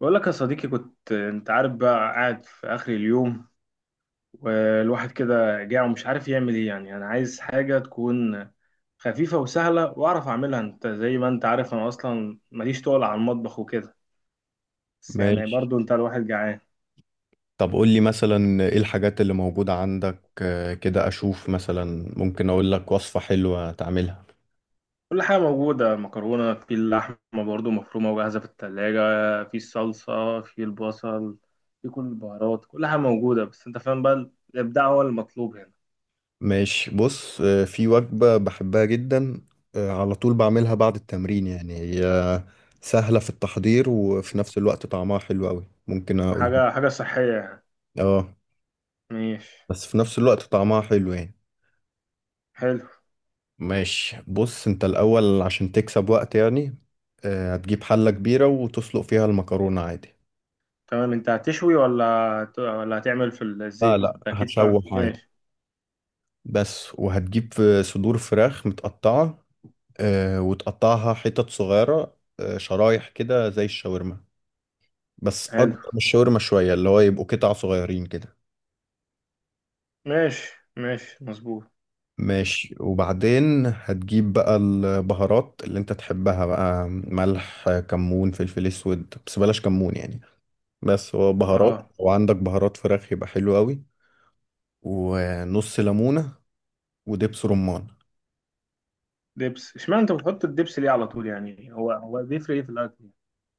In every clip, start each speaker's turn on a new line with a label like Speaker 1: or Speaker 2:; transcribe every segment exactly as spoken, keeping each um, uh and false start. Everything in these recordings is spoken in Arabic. Speaker 1: بقول لك يا صديقي، كنت انت عارف بقى قاعد في اخر اليوم والواحد كده جاع ومش عارف يعمل ايه. يعني انا عايز حاجة تكون خفيفة وسهلة واعرف اعملها. انت زي ما انت عارف انا اصلا ماليش تقل على المطبخ وكده، بس يعني
Speaker 2: ماشي.
Speaker 1: برضو انت الواحد جعان.
Speaker 2: طب قول لي مثلا ايه الحاجات اللي موجودة عندك، آه، كده اشوف مثلا ممكن اقول لك وصفة حلوة تعملها.
Speaker 1: كل حاجة موجودة، مكرونة، في اللحمة برضو مفرومة وجاهزة في التلاجة، في الصلصة، في البصل، في كل البهارات. كل حاجة موجودة بس انت فاهم بقى، الابداع هو المطلوب هنا.
Speaker 2: ماشي، بص، آه، في وجبة بحبها جدا، آه، على طول بعملها بعد التمرين، يعني هي سهلة في التحضير وفي نفس الوقت طعمها حلو قوي. ممكن اقولها.
Speaker 1: حاجة حاجة صحية يعني.
Speaker 2: اه،
Speaker 1: ماشي.
Speaker 2: بس في نفس الوقت طعمها حلو يعني.
Speaker 1: حلو.
Speaker 2: ماشي، بص انت الاول عشان تكسب وقت، يعني آه، هتجيب حلة كبيرة وتسلق فيها المكرونة عادي.
Speaker 1: تمام. انت هتشوي ولا هت- ولا هتعمل في
Speaker 2: لا
Speaker 1: الزيت؟
Speaker 2: لا،
Speaker 1: اكيد طبعا.
Speaker 2: هشوح عادي
Speaker 1: ماشي.
Speaker 2: بس. وهتجيب في صدور فراخ متقطعة، آه، وتقطعها حتت صغيرة، آه، شرايح كده زي الشاورما، بس
Speaker 1: حلو.
Speaker 2: أكبر من الشاورما شوية، اللي هو يبقوا قطع صغيرين كده.
Speaker 1: ماشي. ماشي. مظبوط.
Speaker 2: ماشي. وبعدين هتجيب بقى البهارات اللي انت تحبها، بقى ملح كمون فلفل اسود، بس بلاش كمون يعني. بس هو بهارات،
Speaker 1: اه.
Speaker 2: وعندك بهارات فراخ يبقى حلو قوي. ونص ليمونة ودبس رمان.
Speaker 1: دبس؟ اشمعنى انت بتحط الدبس ليه على طول؟ يعني هو هو بيفرق ايه في الاكل يعني؟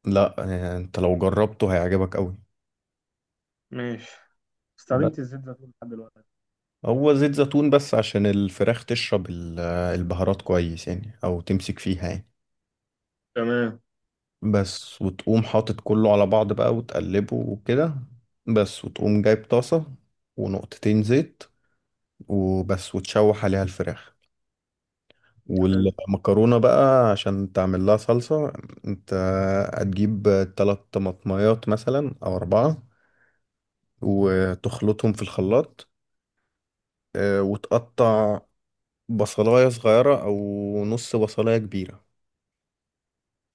Speaker 2: لا، آه، انت لو جربته هيعجبك قوي.
Speaker 1: ماشي. استخدمت الزيت زيتون لحد دلوقتي.
Speaker 2: هو زيت زيتون بس عشان الفراخ تشرب ال- البهارات كويس، يعني او تمسك فيها يعني.
Speaker 1: تمام.
Speaker 2: بس وتقوم حاطط كله على بعض بقى وتقلبه وكده. بس وتقوم جايب طاسة ونقطتين زيت وبس، وتشوح عليها الفراخ
Speaker 1: حلو.
Speaker 2: والمكرونة بقى عشان تعمل لها صلصة. انت هتجيب تلات طماطميات مثلا او اربعة، وتخلطهم في الخلاط، آه، وتقطع بصلاية صغيرة او نص بصلاية كبيرة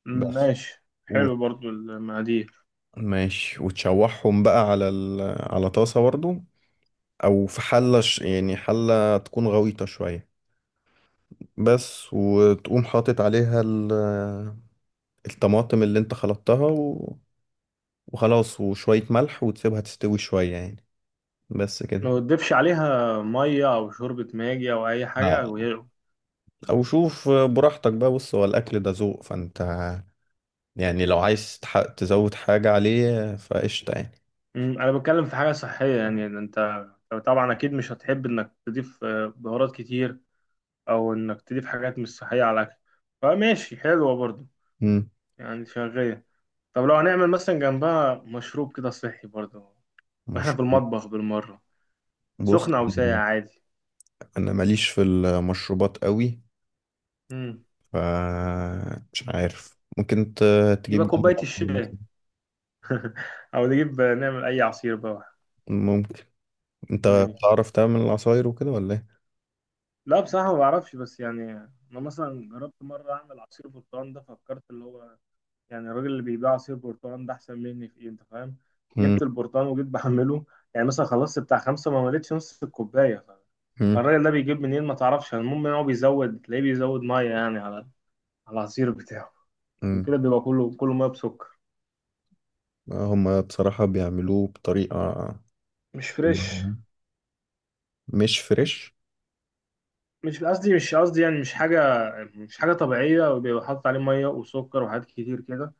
Speaker 1: مم،
Speaker 2: بس.
Speaker 1: ماشي.
Speaker 2: و...
Speaker 1: حلو برضو المقادير.
Speaker 2: ماشي، وتشوحهم بقى على ال... على طاسة برضو، أو في حلة ش... يعني حلة تكون غويطة شوية بس. وتقوم حاطط عليها ال... الطماطم اللي انت خلطتها و... وخلاص. وشوية ملح وتسيبها تستوي شوية يعني. بس كده.
Speaker 1: ما تضيفش عليها ميه او شوربه ماجي او اي حاجه
Speaker 2: آه.
Speaker 1: وهي؟
Speaker 2: أو شوف براحتك بقى. بص هو الأكل ده ذوق، فأنت يعني لو عايز تح... تزود حاجة عليه فقشطة يعني.
Speaker 1: مم، انا بتكلم في حاجه صحيه يعني، ده انت طبعا اكيد مش هتحب انك تضيف آه، بهارات كتير، او انك تضيف حاجات مش صحيه على الاكل. فماشي، حلوه برضو.
Speaker 2: مم.
Speaker 1: يعني شغاله. طب لو هنعمل مثلا جنبها مشروب كده صحي برضو، واحنا في
Speaker 2: مشروب.
Speaker 1: المطبخ بالمره.
Speaker 2: بص
Speaker 1: سخن او ساقع عادي.
Speaker 2: أنا ماليش في المشروبات قوي.
Speaker 1: امم
Speaker 2: ف مش عارف، ممكن ت- تجيب
Speaker 1: يبقى
Speaker 2: جنب
Speaker 1: كوبايه
Speaker 2: عصير
Speaker 1: الشاي،
Speaker 2: مثلا.
Speaker 1: او نجيب نعمل اي عصير بقى.
Speaker 2: ممكن. انت
Speaker 1: ماشي.
Speaker 2: بتعرف تعمل العصاير وكده ولا ايه؟
Speaker 1: لا بصراحه ما بعرفش، بس يعني انا مثلا جربت مره اعمل عصير برتقال. ده فكرت اللي هو يعني الراجل اللي بيبيع عصير برتقال ده احسن مني في ايه؟ انت فاهم.
Speaker 2: مم.
Speaker 1: جبت البرتقال وجيت بعمله، يعني مثلا خلصت بتاع خمسه ما مليتش نص الكوبايه.
Speaker 2: مم.
Speaker 1: الراجل ده بيجيب منين ما تعرفش. يعني المهم ان هو بيزود، تلاقيه بيزود ميه يعني على على العصير بتاعه. عشان
Speaker 2: مم.
Speaker 1: كده بيبقى كله كله ميه بسكر.
Speaker 2: هما بصراحة بيعملوه بطريقة
Speaker 1: مش فريش.
Speaker 2: مش فريش.
Speaker 1: مش قصدي، مش قصدي يعني، مش حاجه، مش حاجه طبيعيه. وبيبقى حاطط عليه ميه وسكر وحاجات كتير كده،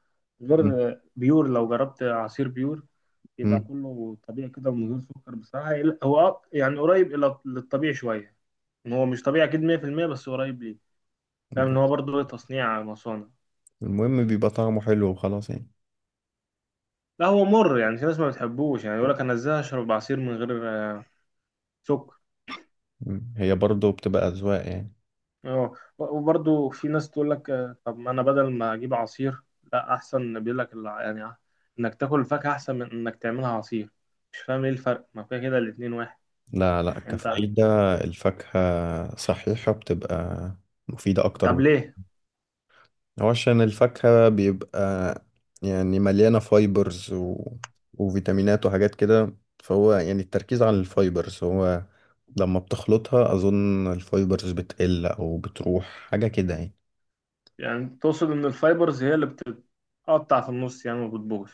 Speaker 2: مم.
Speaker 1: غير بيور. لو جربت عصير بيور يبقى
Speaker 2: مم.
Speaker 1: كله طبيعي كده ومن غير سكر بصراحه. هو أق- يعني قريب الى للطبيعي شويه. إن هو مش طبيعي اكيد مية بالمية، بس قريب ليه. فاهم ان هو
Speaker 2: بس
Speaker 1: برضه تصنيع مصانع.
Speaker 2: المهم بيبقى طعمه حلو وخلاص يعني.
Speaker 1: لا هو مر. يعني في ناس ما بتحبوش، يعني يقول لك انا ازاي اشرب عصير من غير آه، سكر.
Speaker 2: مم. هي برضه بتبقى أذواق يعني.
Speaker 1: اه. وبرضه في ناس تقول لك، آه، طب ما انا بدل ما اجيب عصير، لا احسن، بيقول لك الع- يعني آه، انك تاكل الفاكهه احسن من انك تعملها عصير. مش فاهم ايه الفرق، ما كده كده الاتنين واحد.
Speaker 2: لا لا،
Speaker 1: يعني انت.
Speaker 2: كفايدة الفاكهة صحيحة بتبقى مفيدة أكتر.
Speaker 1: طب ليه؟
Speaker 2: هو عشان الفاكهة بيبقى يعني مليانة فايبرز و... وفيتامينات وحاجات كده. فهو يعني التركيز على الفايبرز، هو لما بتخلطها أظن الفايبرز بتقل أو بتروح حاجة كده يعني.
Speaker 1: يعني تقصد ان الفايبرز هي اللي بتتقطع في النص يعني وبتبوظ؟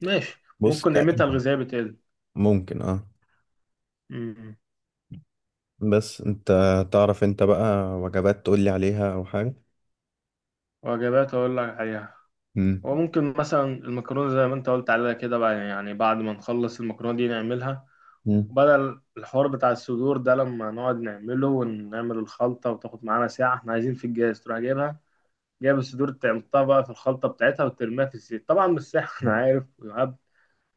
Speaker 1: ماشي،
Speaker 2: بص
Speaker 1: ممكن قيمتها
Speaker 2: تقريبا
Speaker 1: الغذائيه بتقل.
Speaker 2: ممكن، اه.
Speaker 1: مم.
Speaker 2: بس انت تعرف انت بقى وجبات تقولي عليها أو حاجة؟
Speaker 1: وجبات اقول لك عليها؟
Speaker 2: مم.
Speaker 1: وممكن مثلا المكرونة زي ما انت قلت عليها كده بقى، يعني بعد ما نخلص المكرونة دي نعملها.
Speaker 2: مم.
Speaker 1: وبدل الحوار بتاع الصدور ده لما نقعد نعمله، ونعمل الخلطة وتاخد معانا ساعة، احنا عايزين في الجاز تروح جايبها، جايب الصدور تعمطها بقى في الخلطة بتاعتها وترميها في الزيت، طبعا مش ساحة انا عارف ويعب.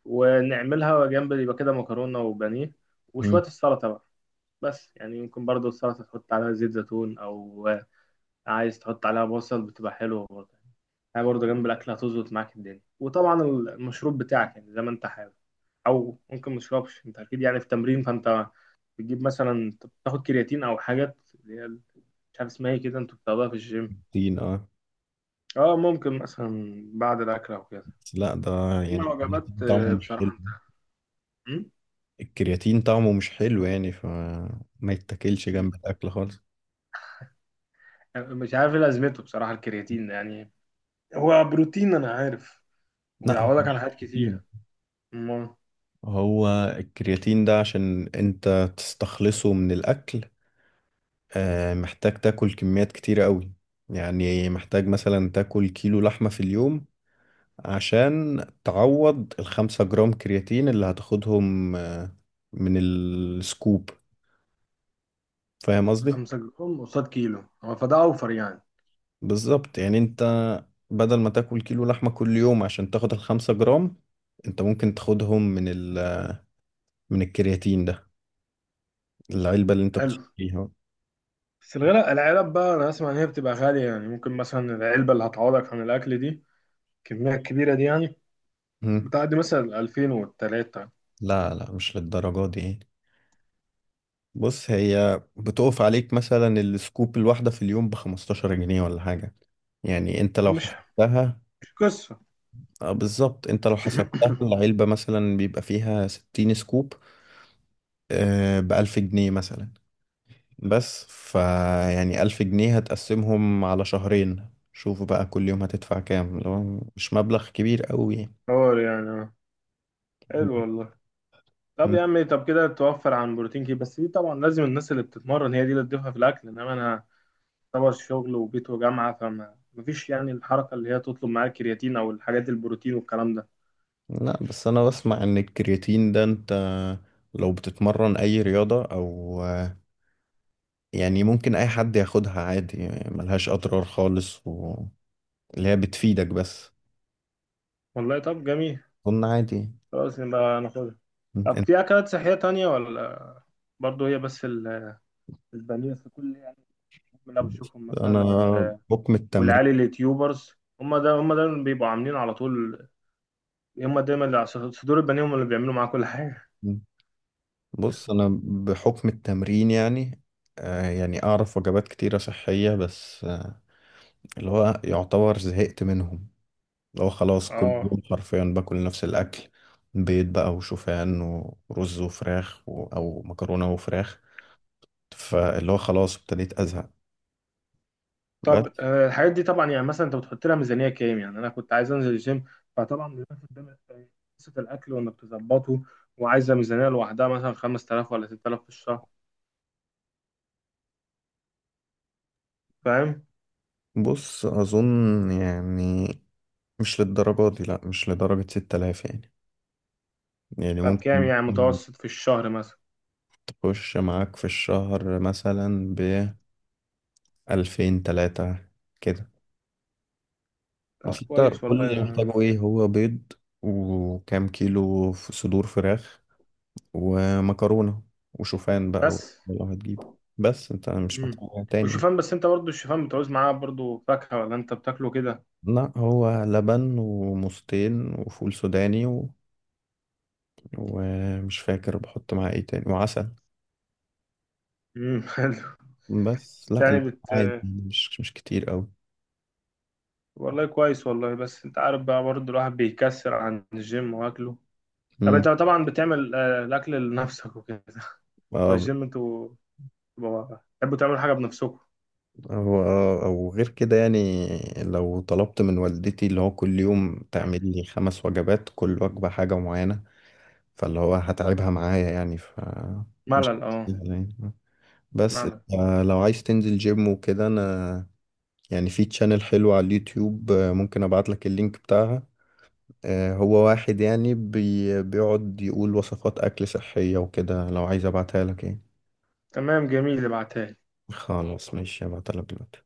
Speaker 1: ونعملها جنب، يبقى كده مكرونة وبانيه،
Speaker 2: مم.
Speaker 1: وشوية السلطة بقى. بس يعني ممكن برضو السلطة تحط عليها زيت زيتون، أو عايز تحط عليها بصل، بتبقى حلوة برضه. هي برضه جنب الأكل هتظبط معاك الدنيا. وطبعا المشروب بتاعك يعني زي ما أنت حابب، أو ممكن مشربش. أنت أكيد يعني في تمرين، فأنت بتجيب مثلا، بتاخد كرياتين أو حاجات اللي هي مش عارف اسمها ايه كده، انتوا بتاخدوها في الجيم.
Speaker 2: كرياتين، اه.
Speaker 1: اه، ممكن مثلا بعد الاكل او كده.
Speaker 2: بس لا، ده
Speaker 1: اما
Speaker 2: يعني
Speaker 1: الوجبات
Speaker 2: الكرياتين طعمه
Speaker 1: آه،
Speaker 2: مش
Speaker 1: بصراحه
Speaker 2: حلو.
Speaker 1: انت. مم؟
Speaker 2: الكرياتين طعمه مش حلو يعني، فما يتاكلش جنب
Speaker 1: أكيد.
Speaker 2: الأكل خالص.
Speaker 1: مش عارف ايه لازمته بصراحه الكرياتين ده، يعني هو بروتين انا عارف،
Speaker 2: لا، هو
Speaker 1: وبيعوضك عن
Speaker 2: مش
Speaker 1: حاجات
Speaker 2: كرياتين.
Speaker 1: كتير. امال.
Speaker 2: هو الكرياتين ده عشان انت تستخلصه من الاكل، آه، محتاج تاكل كميات كتيرة قوي. يعني محتاج مثلا تاكل كيلو لحمة في اليوم عشان تعوض الخمسة جرام كرياتين اللي هتاخدهم آه، من السكوب. فاهم قصدي؟
Speaker 1: 5 جرام قصاد كيلو، هو فده اوفر يعني.
Speaker 2: بالظبط، يعني انت بدل ما تاكل كيلو لحمة كل يوم عشان تاخد الخمسة جرام، انت ممكن تاخدهم من ال من الكرياتين ده، العلبة اللي انت
Speaker 1: حلو.
Speaker 2: بتشتريها.
Speaker 1: بس الغلاء، العلب بقى، انا اسمع ان هي بتبقى غاليه. يعني ممكن مثلا العلبه اللي هتعوضك عن الاكل دي، الكميه الكبيره دي يعني،
Speaker 2: مم.
Speaker 1: بتعدي مثلا ألفين والتلاتة.
Speaker 2: لا لا، مش للدرجة دي يعني. بص هي بتقف عليك مثلا السكوب الواحدة في اليوم بخمستاشر جنيه ولا حاجة. يعني انت لو
Speaker 1: مش
Speaker 2: حسبتها،
Speaker 1: مش قصه.
Speaker 2: اه بالظبط. انت لو حسبتها العلبة مثلا بيبقى فيها ستين سكوب، آه بألف جنيه مثلا. بس فيعني ألف جنيه هتقسمهم على شهرين، شوف بقى كل يوم هتدفع كام، لو مش مبلغ كبير قوي يعني.
Speaker 1: حوار يعني. آه. حلو والله. طب
Speaker 2: م.
Speaker 1: يا عم، طب كده توفر عن بروتين كتير. بس دي طبعا لازم الناس اللي بتتمرن هي دي اللي تضيفها في الاكل، انما انا طبعا شغل وبيت وجامعه، فما مفيش يعني الحركه اللي هي تطلب معايا الكرياتين او الحاجات البروتين والكلام ده.
Speaker 2: لا بس انا بسمع ان الكرياتين ده انت لو بتتمرن اي رياضة او يعني ممكن اي حد ياخدها عادي، يعني ملهاش اضرار خالص و... اللي هي بتفيدك بس.
Speaker 1: والله طب جميل،
Speaker 2: اظن عادي.
Speaker 1: خلاص نبقى ناخدها. طب
Speaker 2: انت
Speaker 1: في أكلات صحية تانية ولا برضه هي بس ال- البانيه في كل يعني اللي أنا بشوفهم
Speaker 2: انا
Speaker 1: مثلا وال-
Speaker 2: بحكم التمرين.
Speaker 1: والعيال اليوتيوبرز؟ هم ده، هم ده اللي بيبقوا عاملين على طول. هم دايما اللي على صدور البانيه، هم اللي بيعملوا معاه كل حاجة.
Speaker 2: بص انا بحكم التمرين يعني آه، يعني اعرف وجبات كتيرة صحية بس آه، اللي هو يعتبر زهقت منهم. اللي هو خلاص كل
Speaker 1: اه.
Speaker 2: يوم حرفيا باكل نفس الاكل: بيض بقى وشوفان، ورز وفراخ و... او مكرونة وفراخ. فاللي هو خلاص ابتديت ازهق.
Speaker 1: طب، آه، الحاجات دي طبعا يعني مثلا انت بتحط لها ميزانية كام؟ يعني انا كنت عايز انزل الجيم، فطبعا دلوقتي قدامك قصة الاكل وانك تظبطه، وعايزة ميزانية لوحدها، مثلا خمستلاف ولا ستتلاف في الشهر. فاهم.
Speaker 2: بص أظن يعني مش للدرجة دي، لأ مش لدرجة ستة آلاف يعني. يعني
Speaker 1: طب كام
Speaker 2: ممكن
Speaker 1: يعني متوسط في الشهر مثلا؟
Speaker 2: تخش معاك في الشهر مثلا بألفين تلاتة كده.
Speaker 1: طب
Speaker 2: بس انت
Speaker 1: كويس
Speaker 2: كل
Speaker 1: والله
Speaker 2: اللي محتاجه
Speaker 1: يعني.
Speaker 2: ايه: هو بيض وكام كيلو ف- صدور فراخ ومكرونة وشوفان بقى
Speaker 1: بس.
Speaker 2: لو هتجيبه، بس انت مش
Speaker 1: مم.
Speaker 2: محتاج حاجة تاني.
Speaker 1: والشوفان، بس انت برضو الشوفان بتعوز معاه برضو فاكهة ولا انت بتاكله كده؟
Speaker 2: لا، هو لبن وموزتين وفول سوداني و... ومش فاكر بحط معاه ايه تاني، وعسل
Speaker 1: مم. حلو.
Speaker 2: بس. لا،
Speaker 1: يعني
Speaker 2: ال-
Speaker 1: بت...
Speaker 2: عادي يعني، مش مش كتير أوي.
Speaker 1: والله كويس والله، بس انت عارف بقى برضو الواحد بيكسر عن الجيم واكله. طب
Speaker 2: مم.
Speaker 1: انت طبعا بتعمل آه، الاكل لنفسك وكده؟ بتوع
Speaker 2: آه،
Speaker 1: الجيم انتوا بتبقوا- بتحبوا تعملوا حاجة بنفسكم.
Speaker 2: هو آه، أو غير كده يعني. لو طلبت من والدتي اللي هو كل يوم تعمل لي خمس وجبات، كل وجبة حاجة معينة، فاللي هو هتعبها معايا يعني. ف مش
Speaker 1: ملل. اه.
Speaker 2: يعني بس،
Speaker 1: ملل.
Speaker 2: آه، لو عايز تنزل جيم وكده أنا يعني، في تشانل حلو على اليوتيوب، آه، ممكن أبعت لك اللينك بتاعها. آه، هو واحد يعني بي بيقعد يقول وصفات أكل صحية وكده، لو عايز أبعتها لك يعني.
Speaker 1: تمام جميل، ابعتها لي.
Speaker 2: خلاص ماشي، هبعتلك دلوقتي.